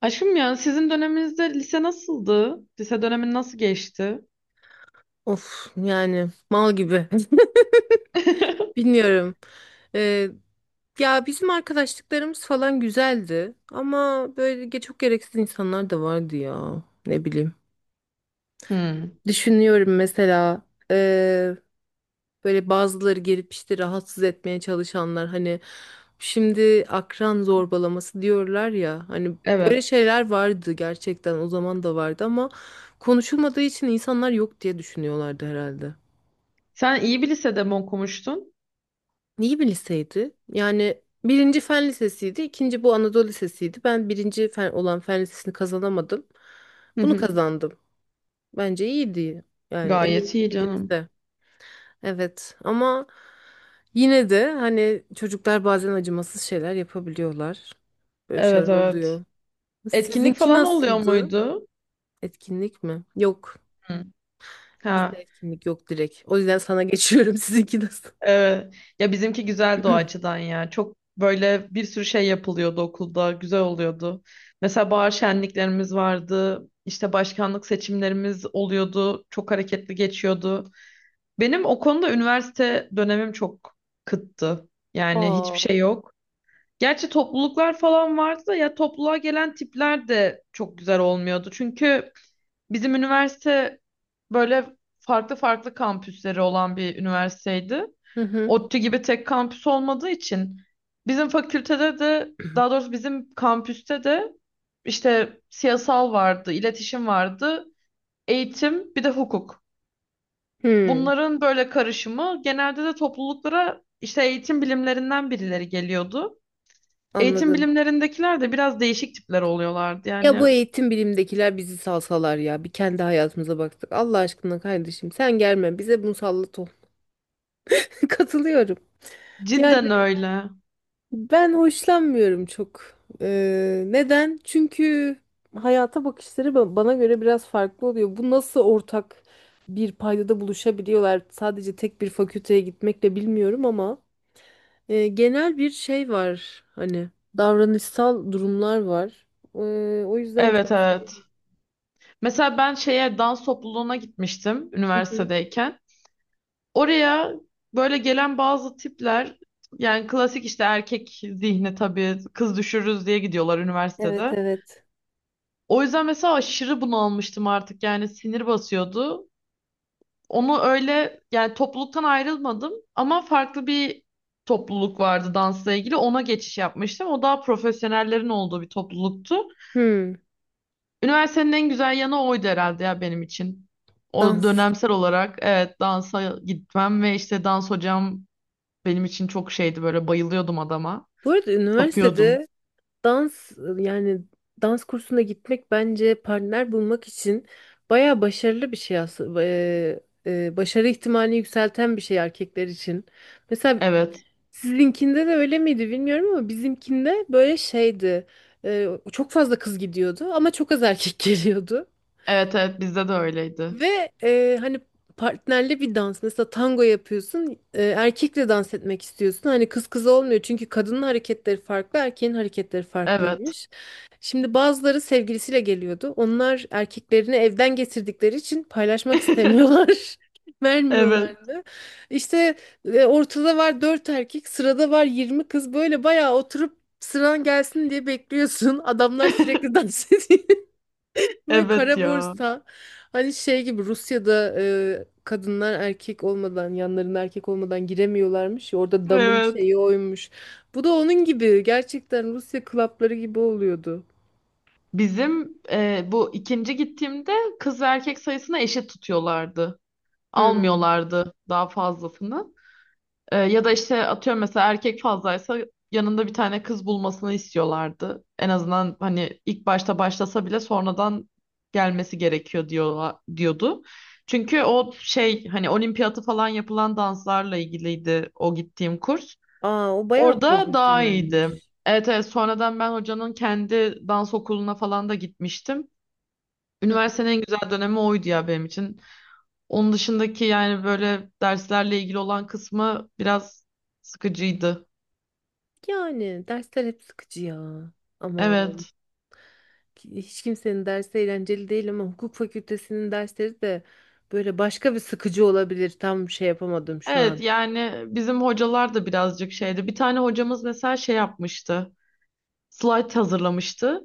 Aşkım ya sizin döneminizde lise nasıldı? Lise dönemin nasıl geçti? Of yani mal gibi. Bilmiyorum. Ee, ya bizim arkadaşlıklarımız falan güzeldi ama böyle çok gereksiz insanlar da vardı ya. Ne bileyim. Hmm, Düşünüyorum mesela ee, böyle bazıları gelip işte rahatsız etmeye çalışanlar hani şimdi akran zorbalaması diyorlar ya hani böyle evet. şeyler vardı gerçekten o zaman da vardı ama konuşulmadığı için insanlar yok diye düşünüyorlardı herhalde. Sen iyi bir lisede mi okumuştun? İyi bir liseydi. Yani birinci fen lisesiydi, ikinci bu Anadolu Lisesi'ydi. Ben birinci fen olan fen lisesini kazanamadım. Hı Bunu hı. kazandım. Bence iyiydi. Yani en iyi Gayet iyi ikinci canım. lise. Evet ama yine de hani çocuklar bazen acımasız şeyler yapabiliyorlar. Böyle şeyler Evet evet. oluyor. Etkinlik Sizinki falan oluyor nasıldı? muydu? Etkinlik mi? Yok. Hı. Bizde Ha, etkinlik yok direkt. O yüzden sana geçiyorum. Sizinki nasıl? evet. Ya bizimki güzeldi o açıdan ya. Çok böyle bir sürü şey yapılıyordu okulda. Güzel oluyordu. Mesela bahar şenliklerimiz vardı. İşte başkanlık seçimlerimiz oluyordu. Çok hareketli geçiyordu. Benim o konuda üniversite dönemim çok kıttı. Yani Aa. hiçbir şey yok. Gerçi topluluklar falan vardı da ya topluluğa gelen tipler de çok güzel olmuyordu. Çünkü bizim üniversite böyle farklı farklı kampüsleri olan bir üniversiteydi. Hı hı. ODTÜ gibi tek kampüs olmadığı için bizim fakültede de, daha doğrusu bizim kampüste de işte siyasal vardı, iletişim vardı, eğitim, bir de hukuk. Hı, Bunların böyle karışımı, genelde de topluluklara işte eğitim bilimlerinden birileri geliyordu. Eğitim anladım. bilimlerindekiler de biraz değişik tipler oluyorlardı. Ya Yani bu eğitim bilimdekiler bizi salsalar ya. Bir kendi hayatımıza baktık. Allah aşkına kardeşim sen gelme. Bize musallat ol. Katılıyorum. Yani cidden öyle. ben hoşlanmıyorum çok. Neden? Çünkü hayata bakışları bana göre biraz farklı oluyor. Bu nasıl ortak bir paydada buluşabiliyorlar? Sadece tek bir fakülteye gitmekle bilmiyorum ama. Genel bir şey var hani davranışsal durumlar var. E, o yüzden çok Evet evet. sevdim. Mesela ben şeye, dans topluluğuna gitmiştim Hı hı. üniversitedeyken. Oraya böyle gelen bazı tipler, yani klasik işte erkek zihni, tabii kız düşürürüz diye gidiyorlar Evet, üniversitede. evet. O yüzden mesela aşırı bunalmıştım artık, yani sinir basıyordu. Onu öyle, yani topluluktan ayrılmadım ama farklı bir topluluk vardı dansla ilgili. Ona geçiş yapmıştım. O daha profesyonellerin olduğu bir topluluktu. Hmm, Üniversitenin en güzel yanı oydu herhalde ya, benim için. O dans. dönemsel olarak evet, dansa gitmem ve işte dans hocam benim için çok şeydi, böyle bayılıyordum adama. Bu arada Tapıyordum. üniversitede dans yani dans kursuna gitmek bence partner bulmak için baya başarılı bir şey aslında. Başarı ihtimalini yükselten bir şey erkekler için. Mesela Evet. sizinkinde de öyle miydi bilmiyorum ama bizimkinde böyle şeydi. Çok fazla kız gidiyordu ama çok az erkek geliyordu. Evet evet, bizde de öyleydi. Ve hani partnerli bir dans mesela tango yapıyorsun, erkekle dans etmek istiyorsun hani kız kız olmuyor çünkü kadının hareketleri farklı erkeğin hareketleri Evet. farklıymış. Şimdi bazıları sevgilisiyle geliyordu, onlar erkeklerini evden getirdikleri için paylaşmak istemiyorlar. Evet. Vermiyorlardı. İşte ortada var dört erkek, sırada var 20 kız. Böyle bayağı oturup sıran gelsin diye bekliyorsun. Adamlar sürekli dans ediyor. Ve Evet kara ya. borsa hani şey gibi Rusya'da, kadınlar erkek olmadan yanlarında erkek olmadan giremiyorlarmış ya, orada damın Evet. şeyi oymuş. Bu da onun gibi gerçekten Rusya klapları gibi oluyordu. Bizim bu ikinci gittiğimde kız ve erkek sayısını eşit tutuyorlardı. Hmm. Almıyorlardı daha fazlasını. Ya da işte, atıyorum mesela erkek fazlaysa yanında bir tane kız bulmasını istiyorlardı. En azından hani ilk başta başlasa bile sonradan gelmesi gerekiyor, diyordu. Çünkü o şey, hani olimpiyatı falan yapılan danslarla ilgiliydi o gittiğim kurs. Aa, o bayağı Orada daha iyiydi. profesyonelmiş. Evet, evet, sonradan ben hocanın kendi dans okuluna falan da gitmiştim. Hı hı. Üniversitenin en güzel dönemi oydu ya, benim için. Onun dışındaki, yani böyle derslerle ilgili olan kısmı biraz sıkıcıydı. Yani dersler hep sıkıcı ya. Aman, Evet. hiç kimsenin dersi eğlenceli değil ama hukuk fakültesinin dersleri de böyle başka bir sıkıcı olabilir. Tam şey yapamadım şu Evet, an. yani bizim hocalar da birazcık şeydi. Bir tane hocamız mesela şey yapmıştı. Slide hazırlamıştı.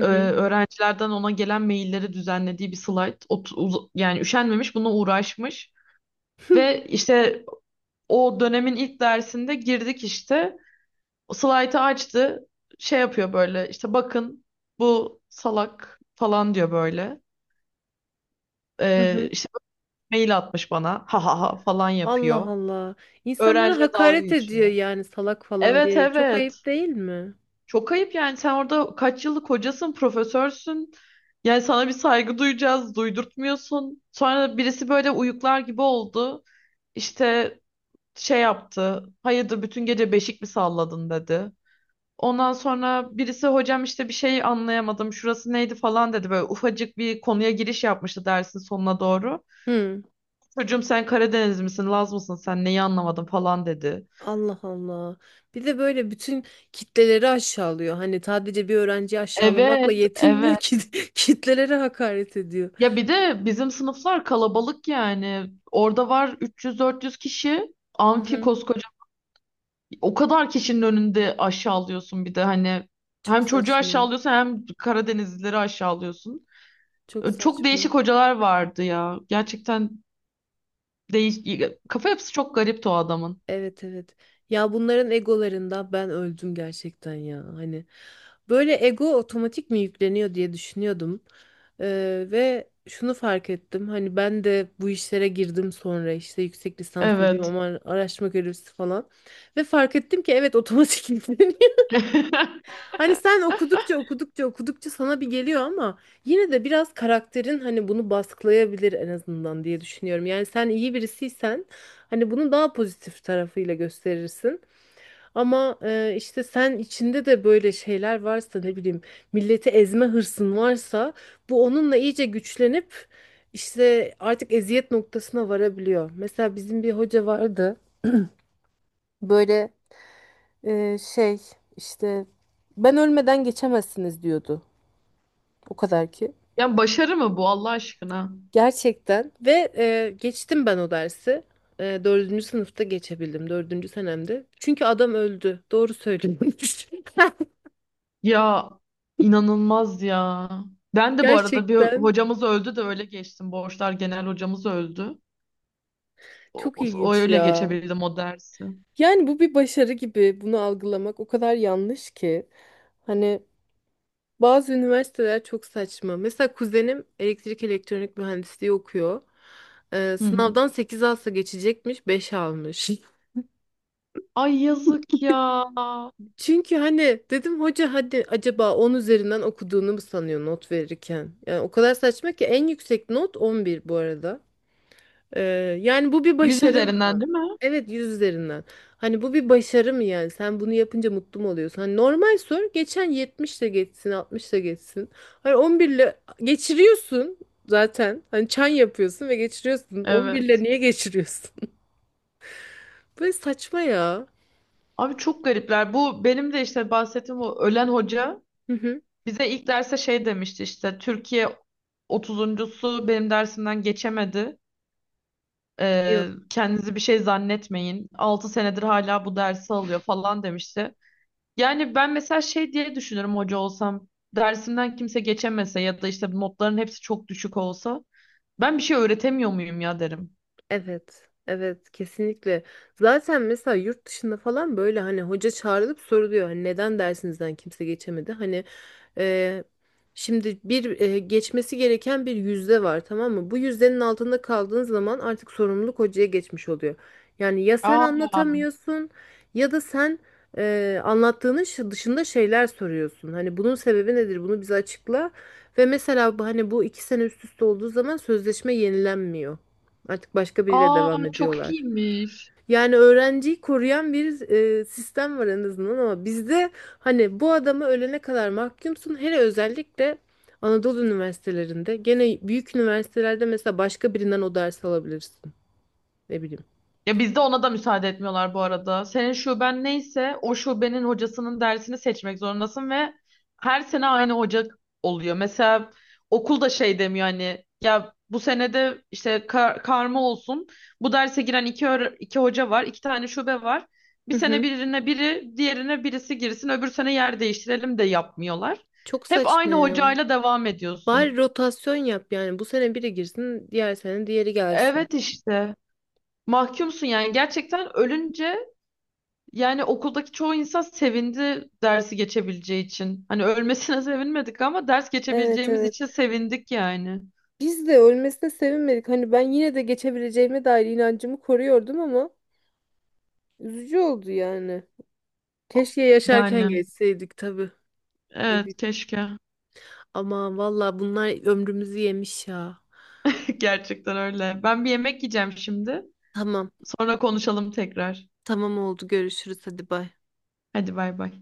Öğrencilerden ona gelen mailleri düzenlediği bir slide. Yani üşenmemiş, buna uğraşmış. Ve işte o dönemin ilk dersinde girdik işte. Slide'ı açtı. Şey yapıyor böyle, işte bakın bu salak falan diyor böyle. Hı hı. İşte mail atmış bana, ha ha ha falan Allah yapıyor. Allah. İnsanlara Öğrenciye dalga hakaret ediyor geçiyor. yani salak falan Evet diyerek. Çok evet. ayıp değil mi? Çok ayıp yani, sen orada kaç yıllık hocasın, profesörsün. Yani sana bir saygı duyacağız, duydurtmuyorsun. Sonra birisi böyle uyuklar gibi oldu. İşte şey yaptı, hayırdır bütün gece beşik mi salladın dedi. Ondan sonra birisi, hocam işte bir şey anlayamadım, şurası neydi falan dedi. Böyle ufacık bir konuya giriş yapmıştı dersin sonuna doğru. Hı. Çocuğum sen Karadeniz misin, Laz mısın, sen neyi anlamadın falan dedi. Allah Allah. Bir de böyle bütün kitleleri aşağılıyor. Hani sadece bir öğrenciyi aşağılamakla Evet, yetinmiyor evet. ki kitlelere hakaret ediyor. Ya bir de bizim sınıflar kalabalık yani. Orada var 300-400 kişi. Hı Amfi hı. koskoca. O kadar kişinin önünde aşağılıyorsun bir de hani. Çok Hem çocuğu saçma. aşağılıyorsun, hem Karadenizlileri aşağılıyorsun. Çok Çok değişik saçma. hocalar vardı ya. Gerçekten Değiş kafa yapısı çok garipti o adamın. Evet, evet. Ya bunların egolarında ben öldüm gerçekten ya. Hani böyle ego otomatik mi yükleniyor diye düşünüyordum. Ve şunu fark ettim. Hani ben de bu işlere girdim sonra işte yüksek lisans yapayım Evet. ama araştırma görevlisi falan. Ve fark ettim ki evet, otomatik. Hani sen okudukça okudukça okudukça sana bir geliyor ama yine de biraz karakterin hani bunu baskılayabilir en azından diye düşünüyorum. Yani sen iyi birisiysen hani bunu daha pozitif tarafıyla gösterirsin. Ama işte sen içinde de böyle şeyler varsa, ne bileyim, milleti ezme hırsın varsa bu onunla iyice güçlenip işte artık eziyet noktasına varabiliyor. Mesela bizim bir hoca vardı böyle şey işte ben ölmeden geçemezsiniz diyordu. O kadar ki. Yani başarı mı bu, Allah aşkına? Gerçekten ve geçtim ben o dersi. Dördüncü sınıfta geçebildim. Dördüncü senemde. Çünkü adam öldü. Doğru söylüyormuş. Ya inanılmaz ya. Ben de bu arada, bir Gerçekten hocamız öldü de öyle geçtim. Borçlar genel hocamız öldü. O, çok o ilginç öyle ya. geçebildim o dersi. Yani bu bir başarı gibi bunu algılamak o kadar yanlış ki. Hani bazı üniversiteler çok saçma. Mesela kuzenim elektrik elektronik mühendisliği okuyor. E, Hı hı. sınavdan 8 alsa geçecekmiş, 5 almış. Ay yazık ya. Çünkü hani dedim hoca hadi acaba 10 üzerinden okuduğunu mu sanıyor not verirken? Yani o kadar saçma ki en yüksek not 11 bu arada. Ee, yani bu bir Yüz başarı üzerinden mı? değil mi? Evet, 100 üzerinden. Hani bu bir başarı mı yani? Sen bunu yapınca mutlu mu oluyorsun? Hani normal sor, geçen 70 de geçsin 60 da geçsin. Hani 11 ile geçiriyorsun zaten. Hani çan yapıyorsun ve geçiriyorsun. 11 ile Evet. niye geçiriyorsun? Böyle saçma ya. Abi çok garipler. Bu benim de işte bahsettiğim o ölen hoca Hı hı. bize ilk derse şey demişti, işte Türkiye 30'uncusu benim dersimden geçemedi. Yok. Kendinizi bir şey zannetmeyin, 6 senedir hala bu dersi alıyor falan demişti. Yani ben mesela şey diye düşünürüm hoca olsam. Dersimden kimse geçemese ya da işte notların hepsi çok düşük olsa, ben bir şey öğretemiyor muyum ya derim. Evet, evet, kesinlikle. Zaten mesela yurt dışında falan böyle hani hoca çağrılıp soruluyor. Hani neden dersinizden kimse geçemedi? Hani e, şimdi bir geçmesi gereken bir yüzde var, tamam mı? Bu yüzdenin altında kaldığın zaman artık sorumluluk hocaya geçmiş oluyor. Yani ya sen Aa, anlatamıyorsun ya da sen anlattığının dışında şeyler soruyorsun. Hani bunun sebebi nedir? Bunu bize açıkla. Ve mesela hani bu iki sene üst üste olduğu zaman sözleşme yenilenmiyor. Artık başka biriyle aa devam çok ediyorlar. iyiymiş. Yani öğrenciyi koruyan bir sistem var en azından ama bizde hani bu adamı ölene kadar mahkumsun. Hele özellikle Anadolu üniversitelerinde, gene büyük üniversitelerde mesela başka birinden o dersi alabilirsin. Ne bileyim. Ya bizde ona da müsaade etmiyorlar bu arada. Senin şuben neyse o şubenin hocasının dersini seçmek zorundasın ve her sene aynı hoca oluyor. Mesela okul da şey demiyor, hani ya bu senede işte karma olsun. Bu derse giren iki, iki hoca var, iki tane şube var. Bir Hı sene hı. birine biri, diğerine birisi girsin, öbür sene yer değiştirelim, de yapmıyorlar. Çok Hep saçma aynı ya. hocayla devam Bari ediyorsun. rotasyon yap yani bu sene biri girsin, diğer sene diğeri gelsin. Evet işte. Mahkumsun yani, gerçekten ölünce. Yani okuldaki çoğu insan sevindi dersi geçebileceği için. Hani ölmesine sevinmedik ama ders Evet, geçebileceğimiz evet. için sevindik yani. Biz de ölmesine sevinmedik. Hani ben yine de geçebileceğime dair inancımı koruyordum ama üzücü oldu yani. Keşke Yani yaşarken geçseydik tabii. Ne evet, bileyim. keşke. Aman valla bunlar ömrümüzü yemiş ya. Gerçekten öyle. Ben bir yemek yiyeceğim şimdi. Tamam. Sonra konuşalım tekrar. Tamam, oldu. Görüşürüz. Hadi bay. Hadi bay bay.